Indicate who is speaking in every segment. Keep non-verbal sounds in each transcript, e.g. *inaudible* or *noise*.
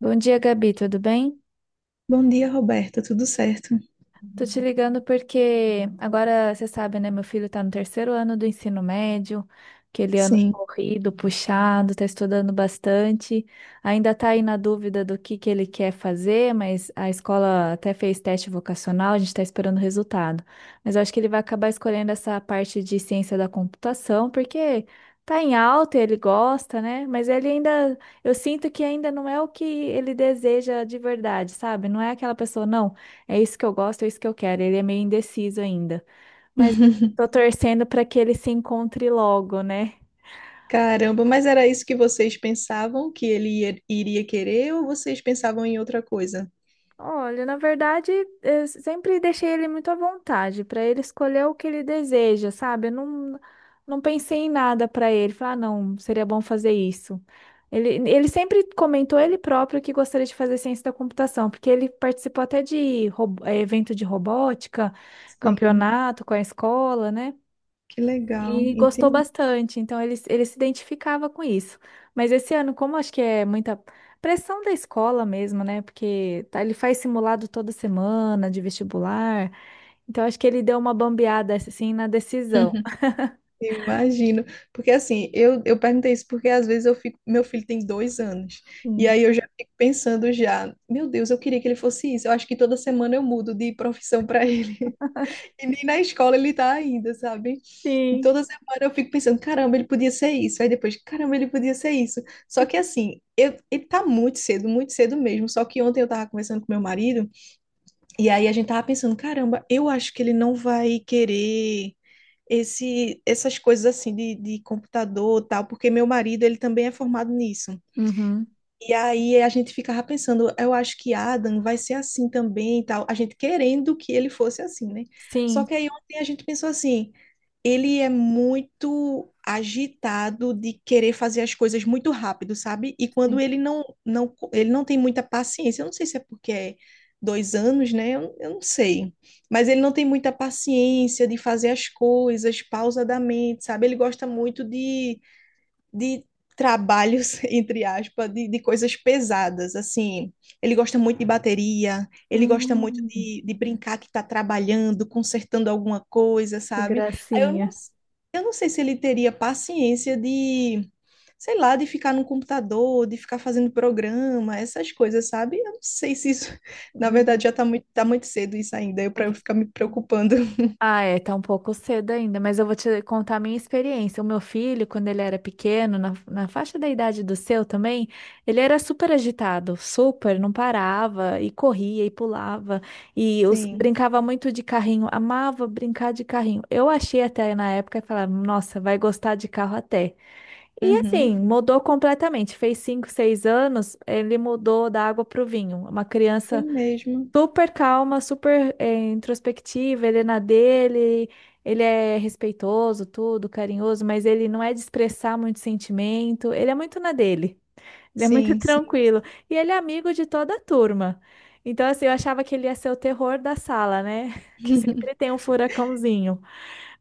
Speaker 1: Bom dia, Gabi, tudo bem?
Speaker 2: Bom dia, Roberta. Tudo certo?
Speaker 1: Tô te ligando porque agora você sabe, né? Meu filho tá no terceiro ano do ensino médio, aquele ano
Speaker 2: Sim.
Speaker 1: corrido, puxado, tá estudando bastante. Ainda tá aí na dúvida do que ele quer fazer, mas a escola até fez teste vocacional, a gente tá esperando o resultado. Mas eu acho que ele vai acabar escolhendo essa parte de ciência da computação, porque tá em alta, e ele gosta, né? Mas ele ainda, eu sinto que ainda não é o que ele deseja de verdade, sabe? Não é aquela pessoa, não. É isso que eu gosto, é isso que eu quero. Ele é meio indeciso ainda, mas tô
Speaker 2: *laughs*
Speaker 1: torcendo para que ele se encontre logo, né?
Speaker 2: Caramba, mas era isso que vocês pensavam que ele iria querer ou vocês pensavam em outra coisa?
Speaker 1: Olha, na verdade, eu sempre deixei ele muito à vontade para ele escolher o que ele deseja, sabe? Eu não pensei em nada para ele. Falar, ah, não, seria bom fazer isso. Ele sempre comentou ele próprio que gostaria de fazer ciência da computação, porque ele participou até de evento de robótica,
Speaker 2: Sim.
Speaker 1: campeonato com a escola, né?
Speaker 2: Que legal,
Speaker 1: E gostou
Speaker 2: entendi.
Speaker 1: bastante, então ele se identificava com isso. Mas esse ano, como acho que é muita pressão da escola mesmo, né? Porque tá- ele faz simulado toda semana de vestibular, então acho que ele deu uma bambeada assim na decisão.
Speaker 2: *laughs* Imagino, porque assim, eu perguntei isso porque às vezes eu fico, meu filho tem dois anos, e
Speaker 1: Hum.
Speaker 2: aí eu já fico pensando já, meu Deus, eu queria que ele fosse isso, eu acho que toda semana eu mudo de profissão para ele. E nem na escola ele tá ainda, sabe? E
Speaker 1: Sim.
Speaker 2: toda semana eu fico pensando, caramba, ele podia ser isso. Aí depois, caramba, ele podia ser isso. Só que assim, eu, ele tá muito cedo mesmo. Só que ontem eu tava conversando com meu marido, e aí a gente tava pensando, caramba, eu acho que ele não vai querer essas coisas assim de computador e tal, porque meu marido, ele também é formado nisso.
Speaker 1: Uhum.
Speaker 2: E aí a gente ficava pensando, eu acho que Adam vai ser assim também e tal. A gente querendo que ele fosse assim, né? Só
Speaker 1: Sim.
Speaker 2: que aí ontem a gente pensou assim, ele é muito agitado de querer fazer as coisas muito rápido, sabe? E quando
Speaker 1: Sim.
Speaker 2: ele não, ele não tem muita paciência, eu não sei se é porque é dois anos, né? Eu não sei. Mas ele não tem muita paciência de fazer as coisas pausadamente, sabe? Ele gosta muito de trabalhos, *laughs* entre aspas, de coisas pesadas, assim. Ele gosta muito de bateria, ele gosta muito
Speaker 1: Hum,
Speaker 2: de brincar que está trabalhando, consertando alguma coisa,
Speaker 1: que
Speaker 2: sabe? Aí eu
Speaker 1: gracinha.
Speaker 2: eu não sei se ele teria paciência de, sei lá, de ficar no computador, de ficar fazendo programa, essas coisas, sabe? Eu não sei se isso, *laughs* na verdade, tá muito cedo isso ainda, para eu
Speaker 1: Hum.
Speaker 2: ficar me preocupando. *laughs*
Speaker 1: Ah, é, tá um pouco cedo ainda, mas eu vou te contar a minha experiência. O meu filho, quando ele era pequeno, na faixa da idade do seu também, ele era super agitado, super, não parava, e corria e pulava, e
Speaker 2: Sim.
Speaker 1: brincava muito de carrinho, amava brincar de carrinho. Eu achei até na época, falava, nossa, vai gostar de carro até. E
Speaker 2: Uhum.
Speaker 1: assim, mudou completamente. Fez 5, 6 anos, ele mudou da água para o vinho. Uma
Speaker 2: Foi
Speaker 1: criança.
Speaker 2: mesmo.
Speaker 1: Super calma, super introspectiva, ele é na dele, ele é respeitoso, tudo, carinhoso, mas ele não é de expressar muito sentimento, ele é muito na dele, ele é muito *laughs*
Speaker 2: Sim, sim.
Speaker 1: tranquilo. E ele é amigo de toda a turma. Então, assim, eu achava que ele ia ser o terror da sala, né? *laughs* Que sempre
Speaker 2: *laughs*
Speaker 1: tem um furacãozinho.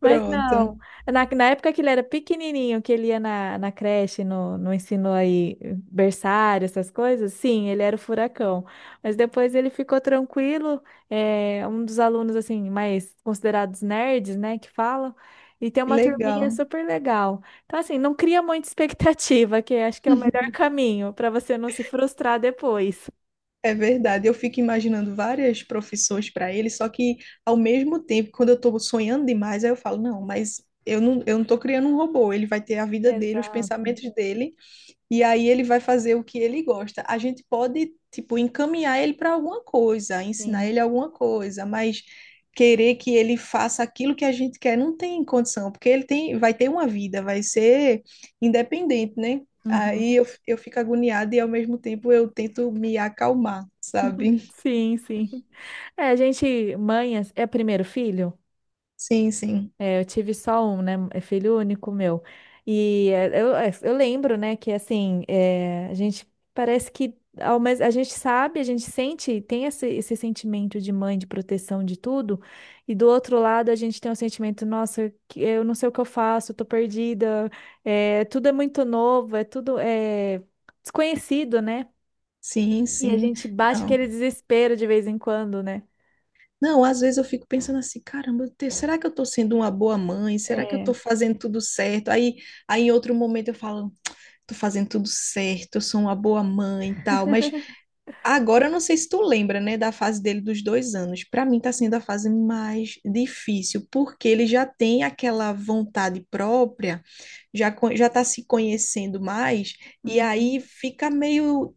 Speaker 1: Mas
Speaker 2: Pronto.
Speaker 1: não, na época que ele era pequenininho, que ele ia na creche, no ensino aí, berçário, essas coisas, sim, ele era o furacão. Mas depois ele ficou tranquilo, é, um dos alunos, assim, mais considerados nerds, né, que falam, e tem
Speaker 2: Que
Speaker 1: uma turminha
Speaker 2: legal.
Speaker 1: super legal. Então, assim, não cria muita expectativa, que acho que é o melhor caminho para você não se frustrar depois.
Speaker 2: É verdade. Eu fico imaginando várias profissões para ele, só que ao mesmo tempo, quando eu estou sonhando demais, aí eu falo, não, mas eu não estou criando um robô. Ele vai ter a vida dele, os
Speaker 1: Exato,
Speaker 2: pensamentos dele. E aí ele vai fazer o que ele gosta. A gente pode, tipo, encaminhar ele para alguma coisa, ensinar
Speaker 1: sim.
Speaker 2: ele alguma coisa, mas querer que ele faça aquilo que a gente quer não tem condição, porque ele tem, vai ter uma vida, vai ser independente, né? Aí
Speaker 1: Uhum.
Speaker 2: eu fico agoniada e ao mesmo tempo eu tento me acalmar, sabe?
Speaker 1: Sim, sim. É, a gente, mãe, é primeiro filho?
Speaker 2: Sim, sim.
Speaker 1: Eu tive só um, né? É filho único meu. E eu lembro, né, que assim, é, a gente parece que a gente sabe, a gente sente, tem esse sentimento de mãe, de proteção de tudo, e do outro lado a gente tem o sentimento, nossa, que- eu não sei o que eu faço, eu tô perdida, é, tudo é muito novo, é tudo é, desconhecido, né?
Speaker 2: Sim,
Speaker 1: E a
Speaker 2: sim.
Speaker 1: gente bate aquele
Speaker 2: Não.
Speaker 1: desespero de vez em quando, né?
Speaker 2: Não, às vezes eu fico pensando assim, caramba, será que eu tô sendo uma boa mãe? Será que eu
Speaker 1: É.
Speaker 2: tô fazendo tudo certo? Aí, em outro momento eu falo tô fazendo tudo certo, eu sou uma boa mãe e tal. Mas agora eu não sei se tu lembra, né, da fase dele dos dois anos. Pra mim tá sendo a fase mais difícil, porque ele já tem aquela vontade própria, já tá se conhecendo mais, e
Speaker 1: Uhum.
Speaker 2: aí fica meio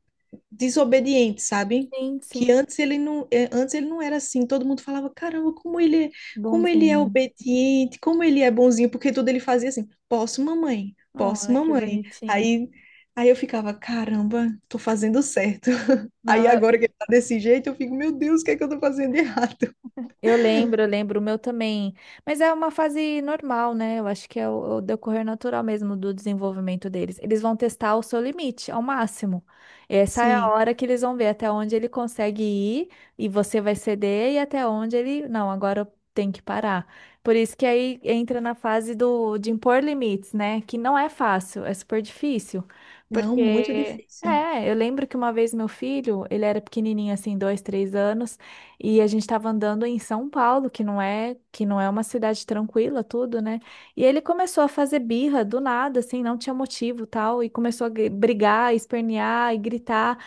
Speaker 2: desobediente, sabe?
Speaker 1: Sim,
Speaker 2: Que
Speaker 1: sim.
Speaker 2: antes ele não, é, antes ele não era assim. Todo mundo falava, caramba, como ele é
Speaker 1: Bonzinho.
Speaker 2: obediente, como ele é bonzinho, porque tudo ele fazia assim, posso, mamãe, posso,
Speaker 1: Olha, que
Speaker 2: mamãe.
Speaker 1: bonitinho.
Speaker 2: Aí, eu ficava, caramba, tô fazendo certo. *laughs* Aí
Speaker 1: Não,
Speaker 2: agora que ele tá desse jeito, eu fico, meu Deus, o que é que eu tô fazendo de errado?
Speaker 1: eu lembro, eu lembro, o meu também. Mas é uma fase normal, né? Eu acho que é o decorrer natural mesmo do desenvolvimento deles. Eles vão testar o seu limite ao máximo. Essa é a
Speaker 2: Sim,
Speaker 1: hora que eles vão ver até onde ele consegue ir e você vai ceder e até onde ele, não, agora eu tenho que parar. Por isso que aí entra na fase do de impor limites, né? Que não é fácil, é super difícil,
Speaker 2: não, muito
Speaker 1: porque
Speaker 2: difícil.
Speaker 1: é, eu lembro que uma vez meu filho, ele era pequenininho assim, 2, 3 anos, e a gente estava andando em São Paulo, que não é uma cidade tranquila, tudo, né? E ele começou a fazer birra do nada, assim, não tinha motivo, tal, e começou a brigar, espernear e gritar.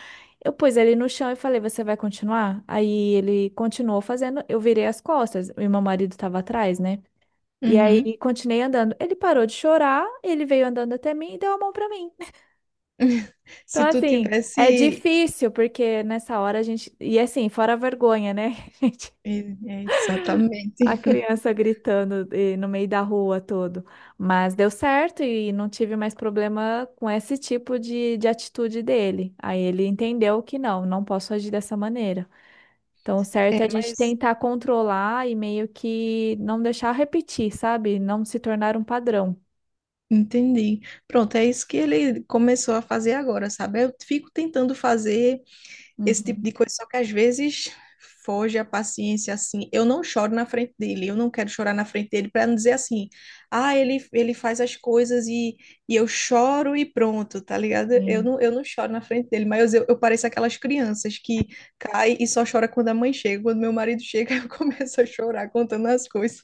Speaker 1: Eu pus ele no chão e falei: "Você vai continuar?" Aí ele continuou fazendo, eu virei as costas, e meu marido estava atrás, né? E
Speaker 2: Uhum.
Speaker 1: aí continuei andando. Ele parou de chorar, ele veio andando até mim e deu a mão para mim.
Speaker 2: *laughs*
Speaker 1: Então,
Speaker 2: Se tu
Speaker 1: assim, é
Speaker 2: tivesse.
Speaker 1: difícil, porque nessa hora a gente. E assim, fora a vergonha, né? *laughs*
Speaker 2: É, é,
Speaker 1: A
Speaker 2: exatamente.
Speaker 1: criança gritando e no meio da rua todo. Mas deu certo e não tive mais problema com esse tipo de atitude dele. Aí ele entendeu que não, não posso agir dessa maneira. Então, o certo
Speaker 2: É,
Speaker 1: é a gente
Speaker 2: mas
Speaker 1: tentar controlar e meio que não deixar repetir, sabe? Não se tornar um padrão.
Speaker 2: entendi. Pronto, é isso que ele começou a fazer agora, sabe? Eu fico tentando fazer. Esse tipo
Speaker 1: Uhum.
Speaker 2: de coisa, só que às vezes foge a paciência assim. Eu não choro na frente dele, eu não quero chorar na frente dele para não dizer assim, ah, ele faz as coisas e eu choro e pronto, tá ligado? Eu
Speaker 1: Sim,
Speaker 2: não, eu não choro na frente dele, mas eu pareço aquelas crianças que caem e só chora quando a mãe chega. Quando meu marido chega, *laughs* eu começo a chorar contando as coisas.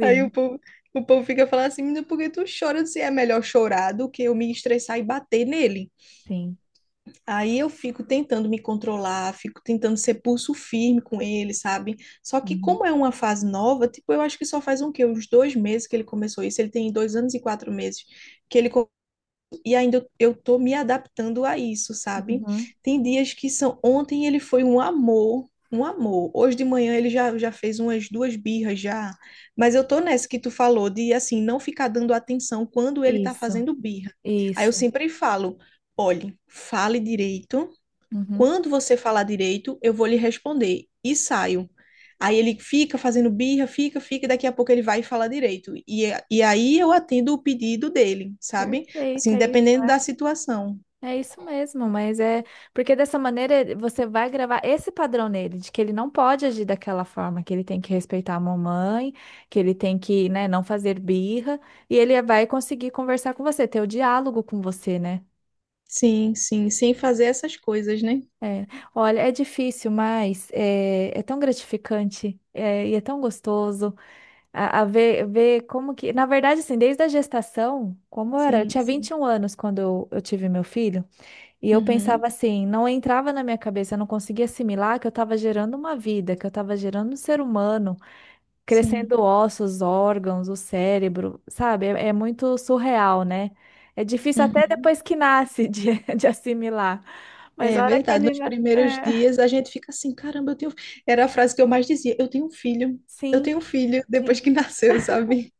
Speaker 2: Aí o povo, o povo fica falando assim, menina, por que tu chora? Se é melhor chorar do que eu me estressar e bater nele.
Speaker 1: Sim.
Speaker 2: Aí eu fico tentando me controlar, fico tentando ser pulso firme com ele, sabe? Só que
Speaker 1: Uhum.
Speaker 2: como é uma fase nova, tipo, eu acho que só faz um quê? Uns dois meses que ele começou isso. Ele tem dois anos e quatro meses que e ainda eu tô me adaptando a isso, sabe?
Speaker 1: Uhum.
Speaker 2: Tem dias que são... Ontem ele foi um amor, um amor. Hoje de manhã ele já fez umas duas birras já. Mas eu tô nessa que tu falou de, assim, não ficar dando atenção quando ele tá
Speaker 1: Isso,
Speaker 2: fazendo birra. Aí eu
Speaker 1: isso.
Speaker 2: sempre falo... Olhe, fale direito,
Speaker 1: Uhum.
Speaker 2: quando você falar direito, eu vou lhe responder e saio. Aí ele fica fazendo birra, fica, e daqui a pouco ele vai falar direito. E aí eu atendo o pedido dele, sabe?
Speaker 1: Perfeito,
Speaker 2: Assim,
Speaker 1: é isso,
Speaker 2: dependendo da
Speaker 1: né?
Speaker 2: situação.
Speaker 1: É isso mesmo, mas é porque dessa maneira ele- você vai gravar esse padrão nele, de que ele não pode agir daquela forma, que ele tem que respeitar a mamãe, que ele tem que, né, não fazer birra, e ele vai conseguir conversar com você, ter o diálogo com você, né?
Speaker 2: Sim, sim, sem fazer essas coisas, né?
Speaker 1: É. Olha, é difícil, mas é, é tão gratificante, é, e é tão gostoso a ver como que, na verdade, assim, desde a gestação, como era, eu
Speaker 2: Sim,
Speaker 1: tinha vinte
Speaker 2: sim.
Speaker 1: e um anos quando eu tive meu filho. E eu
Speaker 2: Uhum,
Speaker 1: pensava assim, não entrava na minha cabeça, eu não conseguia assimilar que eu estava gerando uma vida, que eu estava gerando um ser humano,
Speaker 2: sim.
Speaker 1: crescendo ossos, órgãos, o cérebro, sabe? É, é muito surreal, né? É difícil até
Speaker 2: Uhum.
Speaker 1: depois que nasce de, *laughs* de assimilar. Mas
Speaker 2: É
Speaker 1: a hora que
Speaker 2: verdade.
Speaker 1: ele.
Speaker 2: Nos
Speaker 1: Na-
Speaker 2: primeiros
Speaker 1: É,
Speaker 2: dias a gente fica assim, caramba, eu tenho. Era a frase que eu mais dizia, eu tenho um filho, eu
Speaker 1: sim,
Speaker 2: tenho um filho, depois
Speaker 1: sim.
Speaker 2: que *laughs* nasceu, sabe?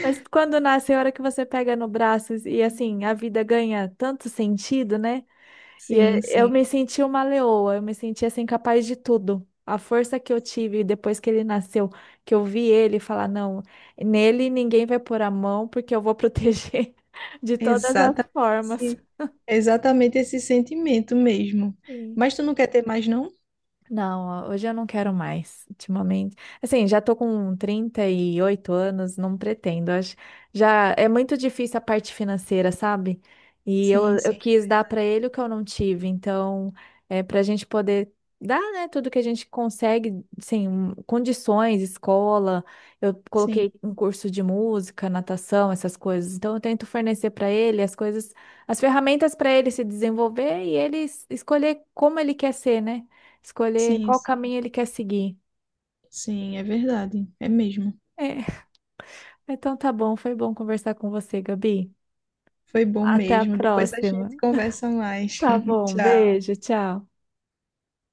Speaker 1: Mas quando nasce, é a hora que você pega no braço e assim, a vida ganha tanto sentido, né? E é-
Speaker 2: Sim,
Speaker 1: eu me
Speaker 2: sim.
Speaker 1: senti uma leoa, eu me senti assim capaz de tudo. A força que eu tive depois que ele nasceu, que eu vi ele falar, não, nele ninguém vai pôr a mão porque eu vou proteger *laughs* de todas as
Speaker 2: Exatamente
Speaker 1: formas.
Speaker 2: esse, exatamente esse sentimento mesmo.
Speaker 1: Sim.
Speaker 2: Mas tu não quer ter mais, não?
Speaker 1: Não, hoje eu não quero mais, ultimamente. Assim, já tô com 38 anos, não pretendo. Acho, já é muito difícil a parte financeira, sabe? E eu,
Speaker 2: Sim,
Speaker 1: eu
Speaker 2: sim,
Speaker 1: quis
Speaker 2: é
Speaker 1: dar
Speaker 2: verdade.
Speaker 1: para ele o que eu não tive. Então, é para a gente poder dar, né, tudo que a gente consegue, assim, um- condições, escola. Eu coloquei
Speaker 2: Sim,
Speaker 1: um curso de música, natação, essas coisas. Então, eu tento fornecer para ele as coisas, as ferramentas para ele se desenvolver e ele escolher como ele quer ser, né? Escolher
Speaker 2: sim,
Speaker 1: qual
Speaker 2: sim,
Speaker 1: caminho ele quer seguir.
Speaker 2: sim, é verdade. É mesmo.
Speaker 1: É, então tá bom, foi bom conversar com você, Gabi.
Speaker 2: Foi bom
Speaker 1: Até a
Speaker 2: mesmo. Depois a
Speaker 1: próxima.
Speaker 2: gente conversa mais.
Speaker 1: Tá
Speaker 2: *laughs*
Speaker 1: bom,
Speaker 2: Tchau.
Speaker 1: beijo, tchau.